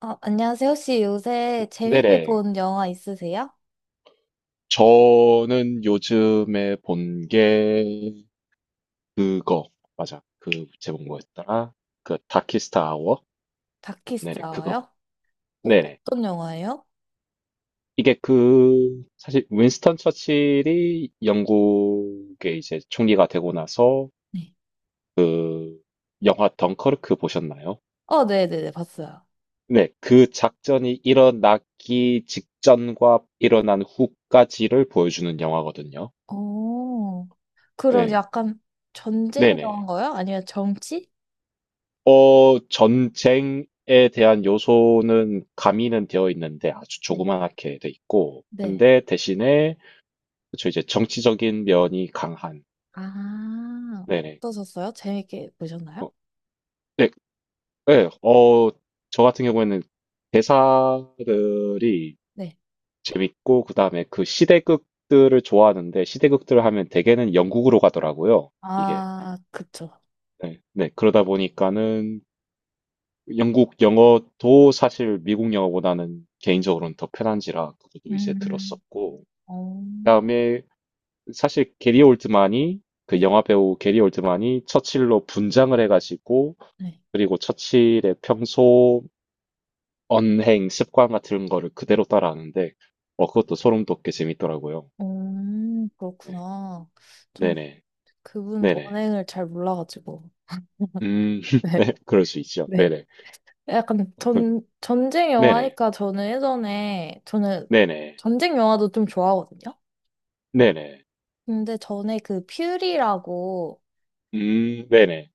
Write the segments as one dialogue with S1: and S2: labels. S1: 안녕하세요. 혹시 요새 재밌게
S2: 네네.
S1: 본 영화 있으세요?
S2: 저는 요즘에 본 게 그거 맞아. 그 제목 뭐였더라? 그 다키스트 아워? 네네, 그거
S1: 다키스라워요?
S2: 봐. 네네.
S1: 어떤 영화예요?
S2: 이게 그 사실 윈스턴 처칠이 영국의 이제 총리가 되고 나서
S1: 네.
S2: 그 영화 덩커르크 보셨나요?
S1: 네네네, 봤어요.
S2: 네, 그 작전이 일어나기 직전과 일어난 후까지를 보여주는 영화거든요.
S1: 오, 그럼
S2: 네,
S1: 약간 전쟁
S2: 네네.
S1: 영화인가요? 아니면 정치?
S2: 전쟁에 대한 요소는 가미는 되어 있는데 아주
S1: 네.
S2: 조그맣게 돼 있고,
S1: 네.
S2: 근데 대신에 그쵸 이제 정치적인 면이 강한.
S1: 아,
S2: 네네.
S1: 어떠셨어요? 재밌게 보셨나요?
S2: 어, 네, 네. 저 같은 경우에는 대사들이
S1: 네.
S2: 재밌고 그다음에 그 시대극들을 좋아하는데 시대극들을 하면 대개는 영국으로 가더라고요. 이게.
S1: 아, 그쵸.
S2: 네, 네. 그러다 보니까는 영국 영어도 사실 미국 영어보다는 개인적으로는 더 편한지라 그것도 이제
S1: 음,
S2: 들었었고
S1: 어,
S2: 그다음에 사실 게리 올드만이 그
S1: 네.
S2: 영화 배우 게리 올드만이 처칠로 분장을 해가지고
S1: 네.
S2: 그리고 처칠의 평소 언행 습관 같은 거를 그대로 따라하는데 그것도 소름 돋게 재밌더라고요. 네.
S1: 그렇구나. 전
S2: 네네.
S1: 그분
S2: 네네.
S1: 언행을 잘 몰라가지고.
S2: 음
S1: 네.
S2: 네, 그럴 수 있죠.
S1: 네.
S2: 네네.
S1: 약간
S2: 어, 그
S1: 전쟁
S2: 네네.
S1: 영화니까 저는 예전에, 저는
S2: 네네.
S1: 전쟁 영화도 좀 좋아하거든요?
S2: 네네.
S1: 근데 전에 그 퓨리라고
S2: 음. 네네.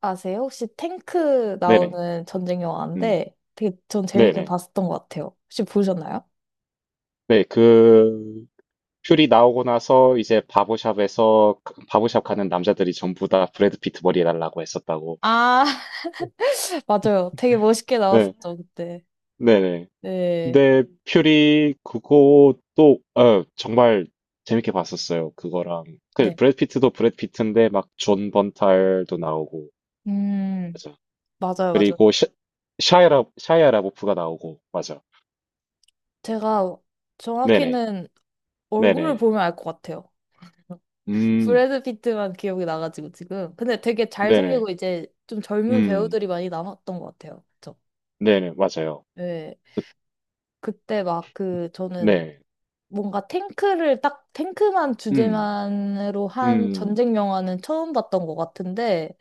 S1: 아세요? 혹시 탱크
S2: 네네.
S1: 나오는 전쟁
S2: 음.
S1: 영화인데 되게 전 재밌게
S2: 네네.
S1: 봤었던 것 같아요. 혹시 보셨나요?
S2: 네, 그 퓨리 나오고 나서 이제 바보샵에서 그, 바보샵 가는 남자들이 전부 다 브래드 피트 머리 해달라고 했었다고.
S1: 아, 맞아요. 되게 멋있게
S2: 네,
S1: 나왔었죠, 그때.
S2: 네네.
S1: 네.
S2: 근데 퓨리 그것도 정말 재밌게 봤었어요. 그거랑 그
S1: 네.
S2: 브래드 피트도 브래드 피트인데 막 존 번탈도 나오고
S1: 음,
S2: 맞아.
S1: 맞아요, 맞아요.
S2: 그리고 샤이라 샤이아 라보프가 나오고 맞아.
S1: 제가
S2: 네네,
S1: 정확히는 얼굴을
S2: 네네.
S1: 보면 알 것 같아요.
S2: 음,
S1: 브래드 피트만 기억이 나가지고 지금. 근데 되게
S2: 네네,
S1: 잘생기고 이제 좀 젊은
S2: 음,
S1: 배우들이 많이 남았던 것 같아요. 그쵸?
S2: 네네, 맞아요.
S1: 네. 그때 막 그 저는
S2: 네,
S1: 뭔가 탱크를 딱 탱크만
S2: 음,
S1: 주제만으로 한
S2: 음.
S1: 전쟁 영화는 처음 봤던 것 같은데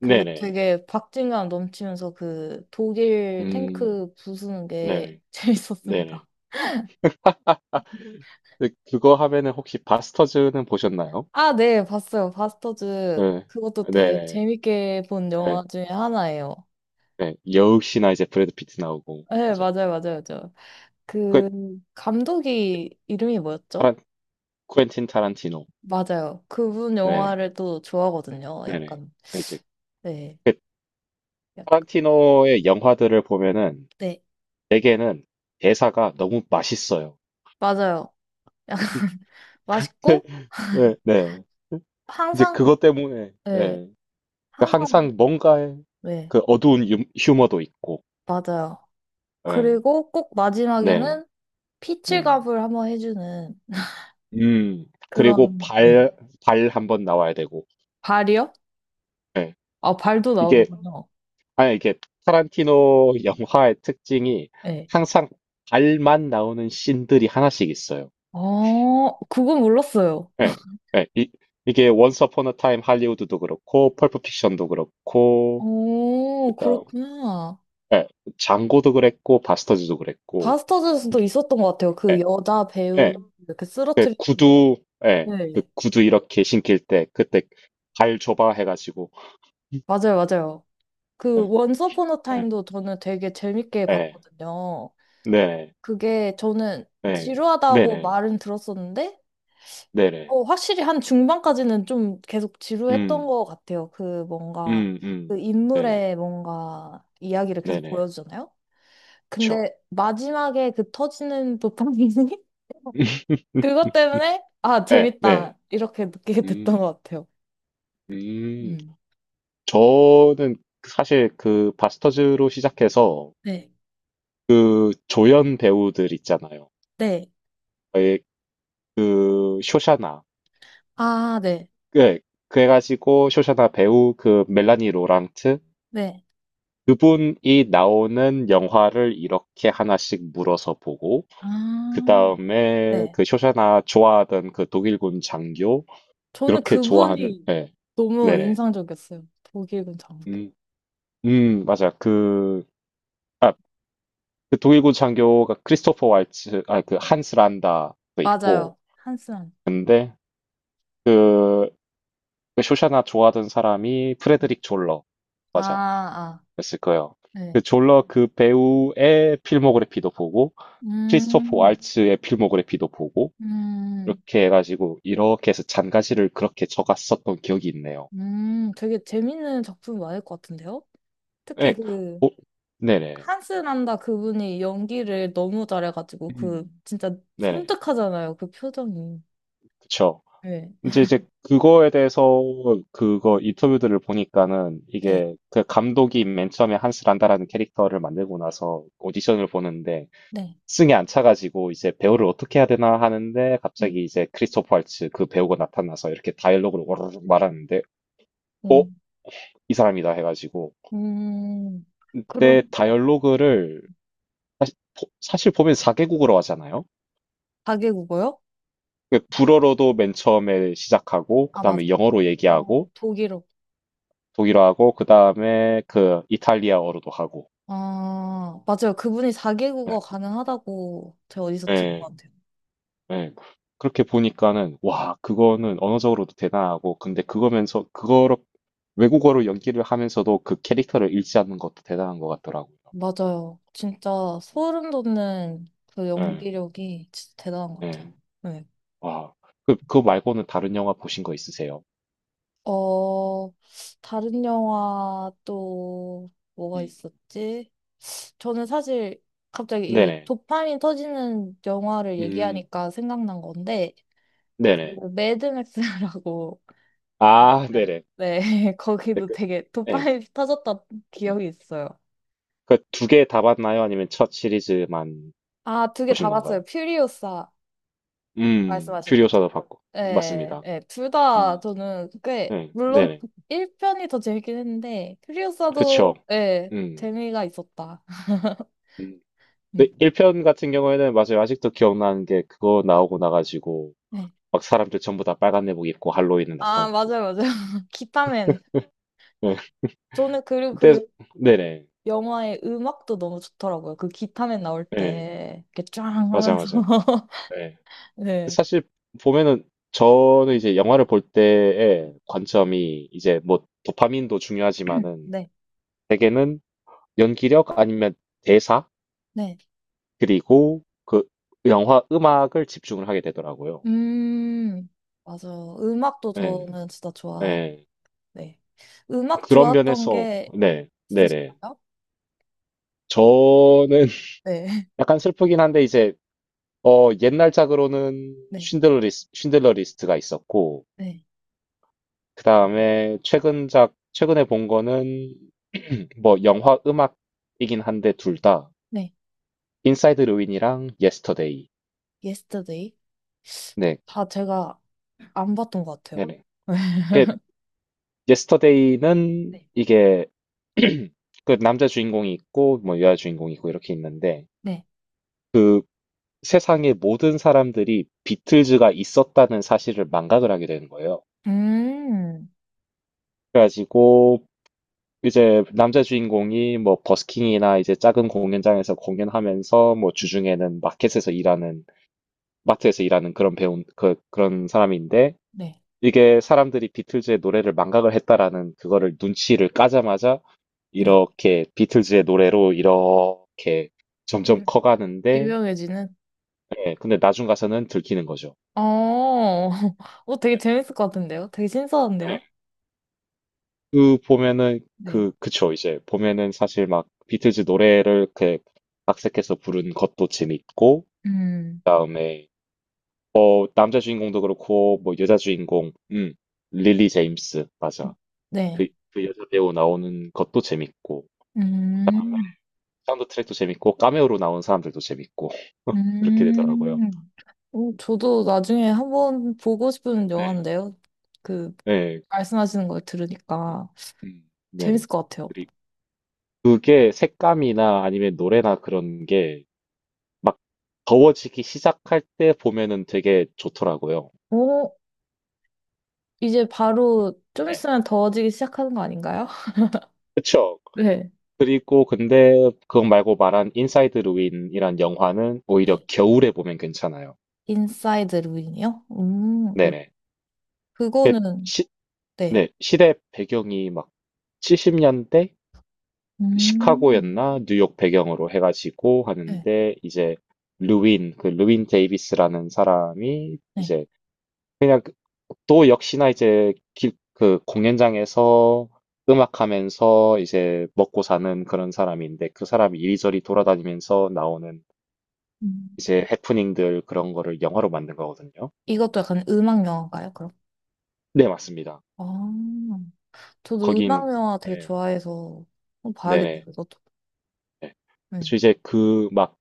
S1: 그게
S2: 네네.
S1: 되게 박진감 넘치면서 그 독일
S2: 음,
S1: 탱크 부수는 게
S2: 네네. 네네.
S1: 재밌었습니다.
S2: 아, 근데 그거 하면은 혹시 바스터즈는 보셨나요?
S1: 아, 네, 봤어요. 바스터즈
S2: 네.
S1: 그것도 되게
S2: 네네.
S1: 재밌게 본 영화
S2: 네.
S1: 중에 하나예요.
S2: 네. 역시나 이제 브래드 피트 나오고,
S1: 네,
S2: 맞아.
S1: 맞아요, 맞아요, 맞아요.
S2: 그,
S1: 그 감독이 이름이 뭐였죠?
S2: 타란, 쿠엔틴 타란티노.
S1: 맞아요. 그분
S2: 네네.
S1: 영화를 또 좋아하거든요.
S2: 네네.
S1: 약간
S2: 이제,
S1: 네,
S2: 그,
S1: 약
S2: 타란티노의 영화들을 보면은,
S1: 네,
S2: 대개는 대사가 너무 맛있어요.
S1: 맞아요. 맛있고
S2: 네, 네. 이제
S1: 항상
S2: 그것 때문에,
S1: 네,
S2: 예.
S1: 항상
S2: 항상 뭔가의
S1: 네,
S2: 그 휴머도 있고,
S1: 맞아요.
S2: 예.
S1: 그리고 꼭
S2: 네.
S1: 마지막에는
S2: 음.
S1: 피칠갑을 한번 해주는
S2: 음, 그리고
S1: 그런 네.
S2: 발 한번 나와야 되고.
S1: 발이요?
S2: 예.
S1: 아 발도
S2: 이게,
S1: 나오는군요.
S2: 아니, 이게 타란티노 영화의 특징이
S1: 네.
S2: 항상 발만 나오는 씬들이 하나씩 있어요.
S1: 그건 몰랐어요.
S2: 예. 예. 이게 Once Upon a Time 할리우드도 그렇고, 펄프 픽션도 그렇고,
S1: 오,
S2: 그다음,
S1: 그렇구나.
S2: 예. 장고도 그랬고, 바스터즈도 그랬고,
S1: 바스터즈에서도 있었던 것 같아요. 그
S2: 예.
S1: 여자
S2: 예.
S1: 배우 이렇게
S2: 그
S1: 쓰러트리는.
S2: 구두, 예. 그
S1: 네.
S2: 구두 이렇게 신길 때, 그때 발 줘봐 해가지고,
S1: 맞아요, 맞아요. 그
S2: 예.
S1: 원스 어폰 어
S2: 예.
S1: 타임도 저는 되게 재밌게
S2: 예.
S1: 봤거든요.
S2: 네.
S1: 그게 저는
S2: 네.
S1: 지루하다고
S2: 네네.
S1: 말은 들었었는데,
S2: 네네.
S1: 확실히 한 중반까지는 좀 계속 지루했던
S2: 음.
S1: 것 같아요. 그 뭔가,
S2: 음, 음.
S1: 그
S2: 네네.
S1: 인물의 뭔가 이야기를 계속
S2: 네네.
S1: 보여주잖아요.
S2: 그쵸.
S1: 근데 마지막에 그 터지는 도파민이 그것 때문에, 아,
S2: 네, 네.
S1: 재밌다. 이렇게 느끼게 됐던
S2: 음,
S1: 것 같아요.
S2: 음.
S1: 음.
S2: 저는 사실 그 바스터즈로 시작해서
S1: 네,
S2: 그 조연 배우들 있잖아요.
S1: 네.
S2: 에, 그 쇼샤나.
S1: 아, 네,
S2: 그, 그래가지고 쇼샤나 배우 그 멜라니 로랑트
S1: 네,
S2: 그분이 나오는 영화를 이렇게 하나씩 물어서 보고 그
S1: 아,
S2: 다음에
S1: 네.
S2: 그 쇼샤나 좋아하던 그 독일군 장교
S1: 저는
S2: 그렇게 좋아하는
S1: 그분이
S2: 네.
S1: 너무
S2: 네네.
S1: 인상적이었어요. 독일 군장교.
S2: 음, 맞아. 그 독일군 장교가 크리스토퍼 왈츠 아 그 한스 란다도
S1: 맞아요.
S2: 있고
S1: 한스란.
S2: 근데 그, 그 쇼샤나 좋아하던 사람이 프레드릭 졸러
S1: 아,
S2: 맞아
S1: 아,
S2: 그랬을 거예요. 그
S1: 네.
S2: 졸러 그 배우의 필모그래피도 보고 크리스토퍼
S1: 음,
S2: 왈츠의 필모그래피도 보고
S1: 음,
S2: 이렇게 해가지고 이렇게 해서 잔가지를 그렇게 적었었던 기억이 있네요.
S1: 되게 재밌는 작품이 많을 것 같은데요? 특히
S2: 네,
S1: 그,
S2: 어, 네네.
S1: 한스 난다 그분이 연기를 너무 잘해가지고, 그,
S2: 음.
S1: 진짜
S2: 네네.
S1: 섬뜩하잖아요. 그 표정이.
S2: 그쵸.
S1: 네,
S2: 이제 그거에 대해서 그거 인터뷰들을 보니까는
S1: 네,
S2: 이게 그 감독이 맨 처음에 한스란다라는 캐릭터를 만들고 나서 오디션을 보는데
S1: 네.
S2: 승에 안 차가지고 이제 배우를 어떻게 해야 되나 하는데
S1: 네.
S2: 갑자기 이제 크리스토퍼 할츠 그 배우가 나타나서 이렇게 다이얼로그를 오르르 말하는데 어?
S1: 음,
S2: 이 사람이다 해가지고
S1: 음. 그럼
S2: 그때 다이얼로그를 사실 보면 4개국으로 하잖아요.
S1: 4개국어요?
S2: 그 불어로도 맨 처음에 시작하고,
S1: 아,
S2: 그
S1: 맞아.
S2: 다음에 영어로 얘기하고,
S1: 독일어.
S2: 독일어하고, 그 다음에 그 이탈리아어로도 하고.
S1: 아, 맞아요. 그분이
S2: 네.
S1: 4개국어 가능하다고 제가 어디서 들은 것
S2: 네.
S1: 같아요.
S2: 네. 그렇게 보니까는, 와, 그거는 언어적으로도 대단하고, 근데 그거면서, 그거로, 외국어로 연기를 하면서도 그 캐릭터를 잃지 않는 것도 대단한 것 같더라고요.
S1: 맞아요. 진짜 소름 돋는 그
S2: 네.
S1: 연기력이 진짜 대단한 것 같아요.
S2: 네.
S1: 네.
S2: 와. 그 말고는 다른 영화 보신 거 있으세요?
S1: 어, 다른 영화 또 뭐가
S2: 음.
S1: 있었지? 저는 사실 갑자기 이
S2: 네네.
S1: 도파민 터지는 영화를
S2: 음,
S1: 얘기하니까 생각난 건데, 그
S2: 네네.
S1: 매드맥스라고
S2: 아, 네네.
S1: 네,
S2: 네,
S1: 거기도
S2: 그,
S1: 되게
S2: 네.
S1: 도파민 터졌던
S2: 음.
S1: 기억이 있어요.
S2: 그 두 개 다 봤나요? 아니면 첫 시리즈만
S1: 아, 두 개
S2: 보신
S1: 다
S2: 건가요?
S1: 봤어요. 퓨리오사 말씀하시는 거죠?
S2: 퓨리오사도 봤고.
S1: 네,
S2: 맞습니다.
S1: 네, 둘 다
S2: 음,
S1: 저는 꽤,
S2: 네,
S1: 물론
S2: 네.
S1: 1편이 더 재밌긴 했는데,
S2: 그쵸.
S1: 퓨리오사도, 네,
S2: 음.
S1: 재미가 있었다.
S2: 음, 근데
S1: 음,
S2: 1편 같은 경우에는 맞아요. 아직도 기억나는 게 그거 나오고 나가지고
S1: 네.
S2: 막 사람들 전부 다 빨간 내복 입고 할로윈은
S1: 아,
S2: 나타나고.
S1: 맞아요, 맞아요. 기타맨.
S2: 네.
S1: 저는 그리고
S2: 근데
S1: 그
S2: 네네.
S1: 영화의 음악도 너무 좋더라고요. 그 기타맨 나올
S2: 네.
S1: 때, 이렇게 쫙
S2: 맞아
S1: 하면서.
S2: 맞아. 네.
S1: 네,
S2: 사실 보면은 저는 이제 영화를 볼 때의 관점이 이제 뭐 도파민도 중요하지만은
S1: 네,
S2: 대개는 연기력 아니면 대사
S1: 네.
S2: 그리고 그 영화 음악을 집중을 하게 되더라고요.
S1: 음, 맞아요. 음악도
S2: 네.
S1: 저는 진짜 좋아.
S2: 네.
S1: 네. 음악
S2: 그런
S1: 좋았던
S2: 면에서
S1: 게
S2: 네, 네네.
S1: 있으신가요?
S2: 저는
S1: 네.
S2: 약간 슬프긴 한데 이제 옛날작으로는
S1: 네.
S2: 쉰들러 리스트가 있었고
S1: 네.
S2: 그 다음에 최근작 최근에 본 거는 뭐 영화 음악이긴 한데 둘 다
S1: 네.
S2: 인사이드 루인이랑 예스터데이.
S1: Yesterday.
S2: 네,
S1: 다 제가 안 봤던 것 같아요.
S2: 네네. 그 예스터데이는
S1: 네.
S2: 이게 그 남자 주인공이 있고 뭐 여자 주인공이 있고 이렇게 있는데
S1: 네.
S2: 그 세상의 모든 사람들이 비틀즈가 있었다는 사실을 망각을 하게 되는 거예요.
S1: 음.
S2: 그래가지고 이제 남자 주인공이 뭐 버스킹이나 이제 작은 공연장에서 공연하면서 뭐 주중에는 마켓에서 일하는 마트에서 일하는 그런 배운 그 그런 사람인데
S1: 네.
S2: 이게 사람들이 비틀즈의 노래를 망각을 했다라는 그거를 눈치를 까자마자
S1: 네.
S2: 이렇게 비틀즈의 노래로 이렇게 점점
S1: 유-
S2: 커가는데
S1: 유명해지는?
S2: 예, 근데 나중 가서는 들키는 거죠.
S1: 어, 되게 재밌을 것 같은데요? 되게
S2: 네.
S1: 신선한데요?
S2: 그 보면은
S1: 네.
S2: 그 그쵸 이제 보면은 사실 막 비틀즈 노래를 그 각색해서 부른 것도 재밌고
S1: 음.
S2: 그다음에 뭐 남자 주인공도 그렇고 뭐 여자 주인공 릴리 제임스 맞아
S1: 네.
S2: 그 여자 배우 나오는 것도 재밌고
S1: 음.
S2: 사운드 트랙도 재밌고 카메오로 나온 사람들도 재밌고 그렇게 되더라고요.
S1: 음. 오, 저도 나중에 한번 보고 싶은
S2: 네.
S1: 영화인데요. 그,
S2: 네.
S1: 말씀하시는 걸 들으니까
S2: 네.
S1: 재밌을 것 같아요.
S2: 그리고 그게 색감이나 아니면 노래나 그런 게 막 더워지기 시작할 때 보면은 되게 좋더라고요.
S1: 오, 이제 바로 좀
S2: 네.
S1: 있으면 더워지기 시작하는 거 아닌가요?
S2: 그쵸.
S1: 네.
S2: 그리고 근데 그거 말고 말한 인사이드 루인이란 영화는 오히려
S1: 네.
S2: 겨울에 보면 괜찮아요.
S1: 인사이드 루인이요?
S2: 네네. 그
S1: 그거는,
S2: 시,
S1: 네.
S2: 네, 시대 배경이 막 70년대
S1: 음,
S2: 시카고였나 뉴욕 배경으로 해가지고
S1: 네,
S2: 하는데 이제 루인 그 루인 데이비스라는 사람이
S1: 네.
S2: 이제 그냥 그- 또 역시나 그 공연장에서 음악하면서 이제 먹고 사는 그런 사람인데 그 사람이 이리저리 돌아다니면서 나오는
S1: 음.
S2: 이제 해프닝들 그런 거를 영화로 만든 거거든요.
S1: 이것도 약간 음악 영화인가요, 그럼?
S2: 네, 맞습니다.
S1: 아, 저도 음악
S2: 거기는
S1: 영화 되게
S2: 네,
S1: 좋아해서 한번 봐야겠네요,
S2: 네네.
S1: 이것도.
S2: 네.
S1: 네.
S2: 그래서 이제 그 막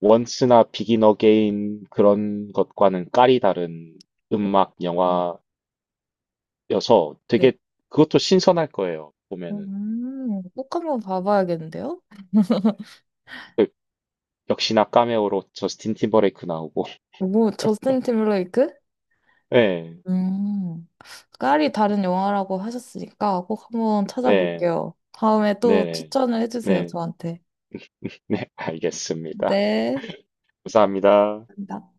S2: 원스나 비긴 어게인 그런 것과는 깔이 다른 음악
S1: 음,
S2: 영화여서
S1: 네.
S2: 되게 그것도 신선할 거예요. 보면은
S1: 꼭 한번 봐봐야겠는데요?
S2: 그 역시나 카메오로 저스틴 팀버레이크 나오고.
S1: 뭐, 저스틴 팀블레이크
S2: 네,
S1: 음, 깔이 다른 영화라고 하셨으니까 꼭 한번
S2: 네,
S1: 찾아볼게요. 다음에 또
S2: 네,
S1: 추천을 해주세요,
S2: 네,
S1: 저한테.
S2: 네, 알겠습니다.
S1: 네.
S2: 감사합니다.
S1: 감사합니다.